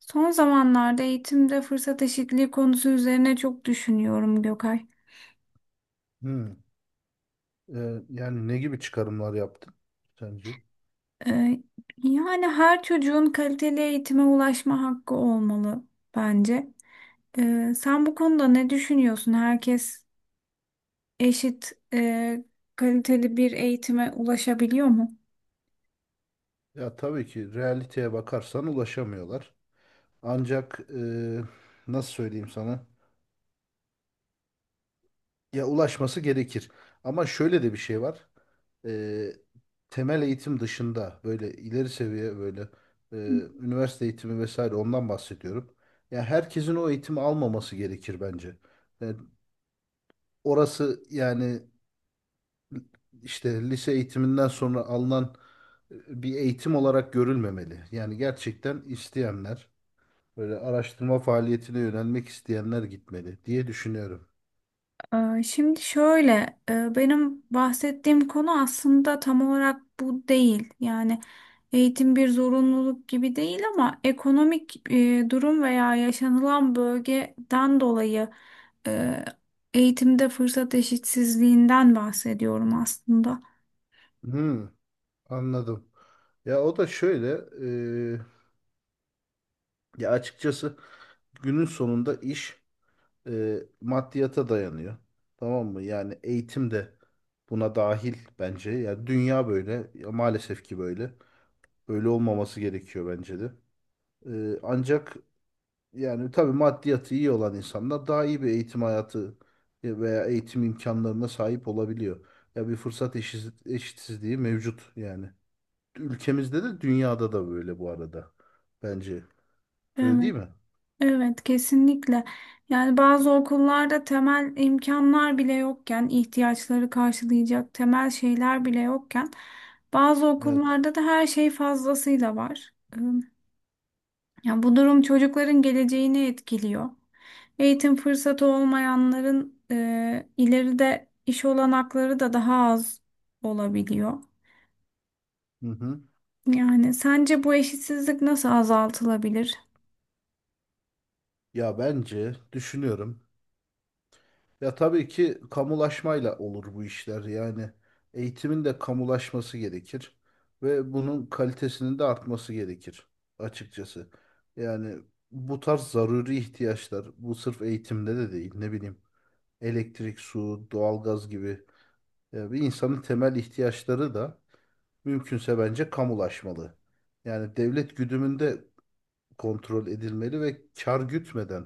Son zamanlarda eğitimde fırsat eşitliği konusu üzerine çok düşünüyorum Gökay. Hmm. Yani ne gibi çıkarımlar yaptın sence? Ee, Yani her çocuğun kaliteli eğitime ulaşma hakkı olmalı bence. Sen bu konuda ne düşünüyorsun? Herkes eşit kaliteli bir eğitime ulaşabiliyor mu? Ya tabii ki realiteye bakarsan ulaşamıyorlar. Ancak nasıl söyleyeyim sana? Ya ulaşması gerekir. Ama şöyle de bir şey var. Ee, Temel eğitim dışında böyle ileri seviye böyle e, üniversite eğitimi vesaire ondan bahsediyorum. Ya herkesin o eğitimi almaması gerekir bence. Yani orası, yani işte lise eğitiminden sonra alınan bir eğitim olarak görülmemeli. Yani gerçekten isteyenler, böyle araştırma faaliyetine yönelmek isteyenler gitmeli diye düşünüyorum. Şimdi şöyle, benim bahsettiğim konu aslında tam olarak bu değil. Yani eğitim bir zorunluluk gibi değil ama ekonomik durum veya yaşanılan bölgeden dolayı e, eğitimde fırsat eşitsizliğinden bahsediyorum aslında. Hmm, anladım. Ya o da şöyle, e, ya açıkçası günün sonunda iş maddiyata dayanıyor. Tamam mı? Yani eğitim de buna dahil bence. Ya dünya böyle, ya maalesef ki böyle. Böyle olmaması gerekiyor bence de. Ancak yani tabii maddiyatı iyi olan insanlar daha iyi bir eğitim hayatı veya eğitim imkanlarına sahip olabiliyor. Ya bir fırsat eşitsizliği mevcut yani. Ülkemizde de dünyada da böyle bu arada. Bence. Öyle değil mi? Evet, kesinlikle. Yani bazı okullarda temel imkanlar bile yokken, ihtiyaçları karşılayacak temel şeyler bile yokken, bazı Evet. okullarda da her şey fazlasıyla var. Yani bu durum çocukların geleceğini etkiliyor. Eğitim fırsatı olmayanların ileride iş olanakları da daha az olabiliyor. Hı hı. Yani sence bu eşitsizlik nasıl azaltılabilir? Ya bence düşünüyorum. Ya tabii ki kamulaşmayla olur bu işler. Yani eğitimin de kamulaşması gerekir ve bunun kalitesinin de artması gerekir açıkçası. Yani bu tarz zaruri ihtiyaçlar bu sırf eğitimde de değil, ne bileyim, elektrik, su, doğalgaz gibi bir insanın temel ihtiyaçları da mümkünse bence kamulaşmalı. Yani devlet güdümünde kontrol edilmeli ve kar gütmeden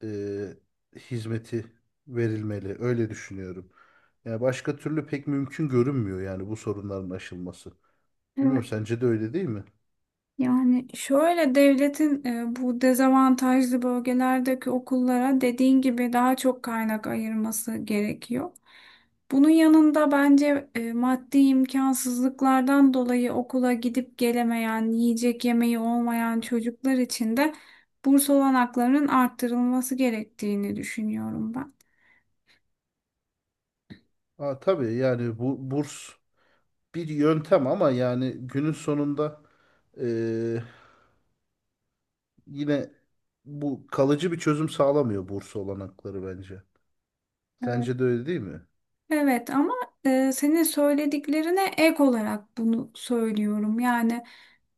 e, hizmeti verilmeli. Öyle düşünüyorum. Yani başka türlü pek mümkün görünmüyor yani, bu sorunların aşılması. Bilmiyorum, sence de öyle değil mi? Yani şöyle devletin bu dezavantajlı bölgelerdeki okullara dediğin gibi daha çok kaynak ayırması gerekiyor. Bunun yanında bence maddi imkansızlıklardan dolayı okula gidip gelemeyen, yiyecek yemeği olmayan çocuklar için de burs olanaklarının arttırılması gerektiğini düşünüyorum ben. Aa, tabii, yani bu burs bir yöntem ama yani günün sonunda e, yine bu kalıcı bir çözüm sağlamıyor burs olanakları bence. Evet. Sence de öyle değil mi? Evet, ama senin söylediklerine ek olarak bunu söylüyorum. Yani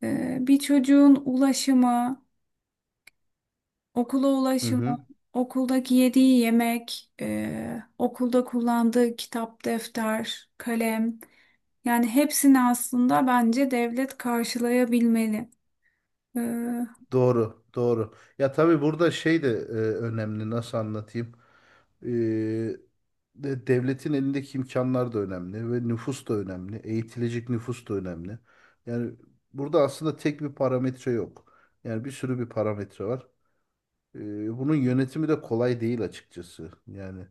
bir çocuğun ulaşımı, okula Hı ulaşımı, hı. okuldaki yediği yemek, okulda kullandığı kitap, defter, kalem. Yani hepsini aslında bence devlet karşılayabilmeli. E, Doğru, doğru. Ya tabii burada şey de önemli. Nasıl anlatayım? E, devletin elindeki imkanlar da önemli ve nüfus da önemli. Eğitilecek nüfus da önemli. Yani burada aslında tek bir parametre yok. Yani bir sürü bir parametre var. Bunun yönetimi de kolay değil açıkçası. Yani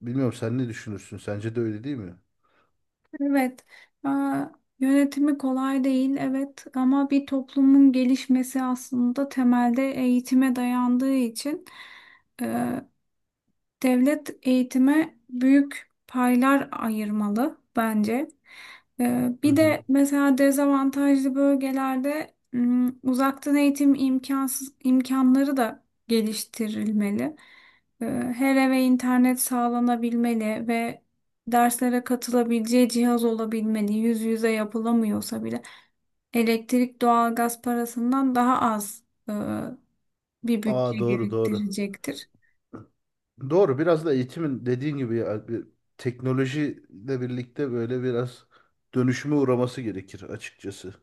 bilmiyorum, sen ne düşünürsün? Sence de öyle değil mi? evet, e, yönetimi kolay değil, evet ama bir toplumun gelişmesi aslında temelde eğitime dayandığı için e, devlet eğitime büyük paylar ayırmalı bence. Hı Bir hı. de mesela dezavantajlı bölgelerde uzaktan eğitim imkansız imkanları da geliştirilmeli. Ee, Her eve internet sağlanabilmeli ve derslere katılabileceği cihaz olabilmeli. Yüz yüze yapılamıyorsa bile elektrik, doğalgaz parasından daha az e, bir bütçe Aa, doğru, doğru. gerektirecektir. Doğru, biraz da eğitimin dediğin gibi ya, bir teknolojiyle birlikte böyle biraz dönüşüme uğraması gerekir açıkçası.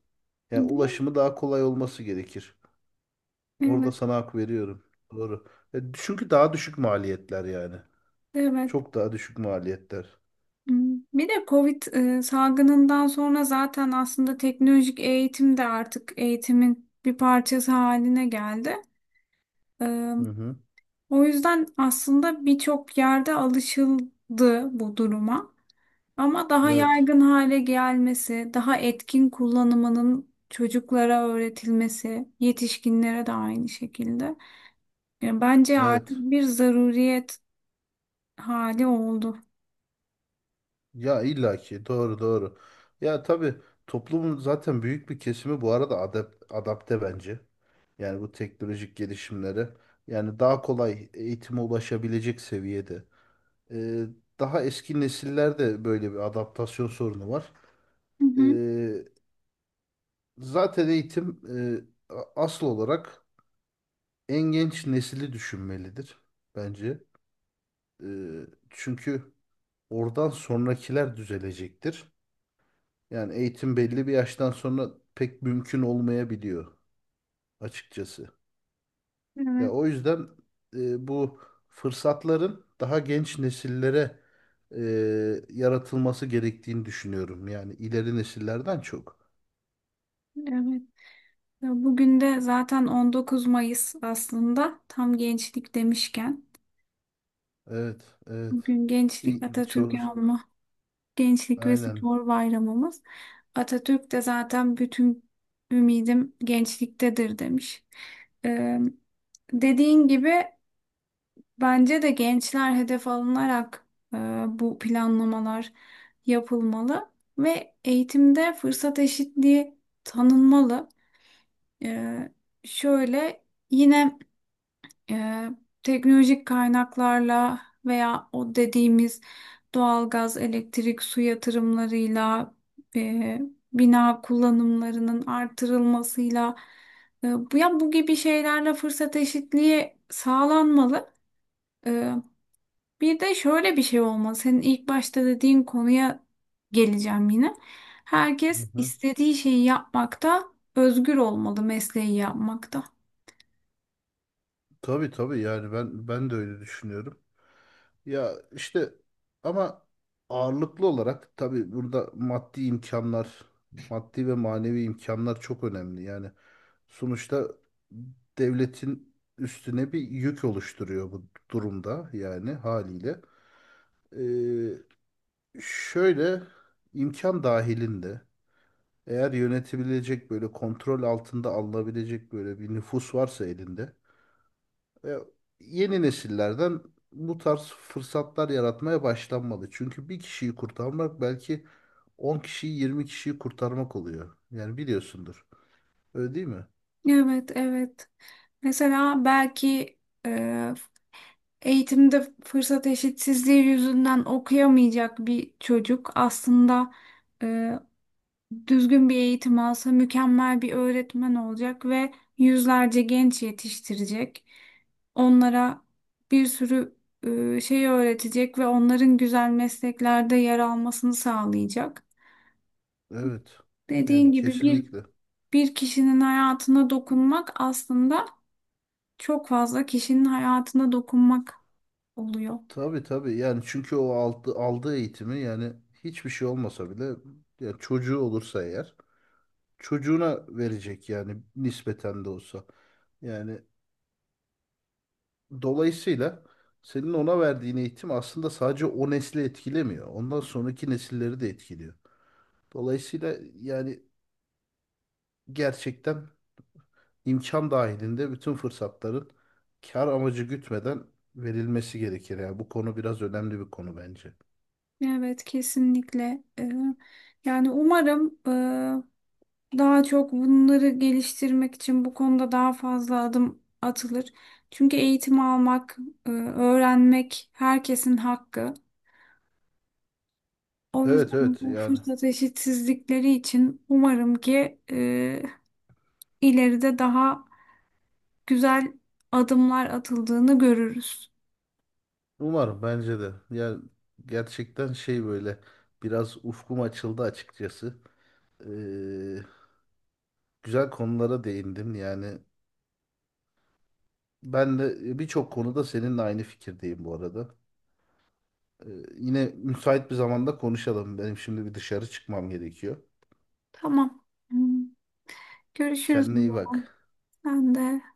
Yani Değil mi? ulaşımı daha kolay olması gerekir. Orada Evet, sana hak veriyorum. Doğru. Çünkü daha düşük maliyetler yani. evet. Çok daha düşük maliyetler. Hmm. Bir de Covid salgınından sonra zaten aslında teknolojik eğitim de artık eğitimin bir parçası haline geldi. E, Hı hı. O yüzden aslında birçok yerde alışıldı bu duruma. Ama daha Evet. yaygın hale gelmesi, daha etkin kullanımının çocuklara öğretilmesi, yetişkinlere de aynı şekilde. Yani bence artık Evet. bir zaruriyet hali oldu. Ya illaki doğru, doğru. Ya tabii toplumun zaten büyük bir kesimi bu arada adapte bence. Yani bu teknolojik gelişimleri, yani daha kolay eğitime ulaşabilecek seviyede. Ee, Daha eski nesillerde böyle bir adaptasyon sorunu var. Hı hı. Ee, Zaten eğitim asıl olarak en genç nesili düşünmelidir bence. Çünkü oradan sonrakiler düzelecektir. Yani eğitim belli bir yaştan sonra pek mümkün olmayabiliyor açıkçası. Ya Evet, o yüzden bu fırsatların daha genç nesillere e, yaratılması gerektiğini düşünüyorum. Yani ileri nesillerden çok. evet. Ya bugün de zaten 19 Mayıs aslında tam gençlik demişken. Evet, evet. Bugün gençlik Çok Atatürk'ü anma gençlik ve aynen. spor bayramımız. Atatürk de zaten bütün ümidim gençliktedir demiş. Ee, Dediğin gibi bence de gençler hedef alınarak e, bu planlamalar yapılmalı ve eğitimde fırsat eşitliği tanınmalı. Ee, şöyle yine e, teknolojik kaynaklarla veya o dediğimiz doğalgaz, elektrik, su yatırımlarıyla e, bina kullanımlarının artırılmasıyla bu ya bu gibi şeylerle fırsat eşitliği sağlanmalı. E, Bir de şöyle bir şey olmalı. Senin ilk başta dediğin konuya geleceğim yine. Hı Herkes hı. istediği şeyi yapmakta özgür olmalı, mesleği yapmakta. Tabii, tabii, yani ben de öyle düşünüyorum. Ya işte, ama ağırlıklı olarak tabii burada maddi imkanlar, maddi ve manevi imkanlar çok önemli. Yani sonuçta devletin üstüne bir yük oluşturuyor bu durumda yani, haliyle. Ee, Şöyle, imkan dahilinde eğer yönetebilecek, böyle kontrol altında alınabilecek böyle bir nüfus varsa elinde, e, yeni nesillerden bu tarz fırsatlar yaratmaya başlanmalı. Çünkü bir kişiyi kurtarmak belki 10 kişiyi, 20 kişiyi kurtarmak oluyor. Yani biliyorsundur. Öyle değil mi? Evet, evet. Mesela belki e, eğitimde fırsat eşitsizliği yüzünden okuyamayacak bir çocuk aslında e, düzgün bir eğitim alsa mükemmel bir öğretmen olacak ve yüzlerce genç yetiştirecek. Onlara bir sürü şey öğretecek ve onların güzel mesleklerde yer almasını sağlayacak. Evet. Yani Dediğin gibi bir kesinlikle. bir kişinin hayatına dokunmak aslında çok fazla kişinin hayatına dokunmak oluyor. Tabii, tabii, yani çünkü o aldığı eğitimi, yani hiçbir şey olmasa bile, yani çocuğu olursa eğer, çocuğuna verecek yani, nispeten de olsa. Yani dolayısıyla senin ona verdiğin eğitim aslında sadece o nesli etkilemiyor. Ondan sonraki nesilleri de etkiliyor. Dolayısıyla yani gerçekten imkan dahilinde bütün fırsatların kar amacı gütmeden verilmesi gerekir. Yani bu konu biraz önemli bir konu bence. Evet, kesinlikle. Yani umarım daha çok bunları geliştirmek için bu konuda daha fazla adım atılır. Çünkü eğitim almak, öğrenmek herkesin hakkı. O Evet, yüzden evet, bu yani. fırsat eşitsizlikleri için umarım ki ileride daha güzel adımlar atıldığını görürüz. Umarım, bence de. Yani gerçekten şey, böyle biraz ufkum açıldı açıkçası. Ee, Güzel konulara değindim. Yani ben de birçok konuda seninle aynı fikirdeyim bu arada. Ee, Yine müsait bir zamanda konuşalım. Benim şimdi bir dışarı çıkmam gerekiyor. Tamam. Hmm. Görüşürüz Kendine iyi o zaman. bak. Ben de.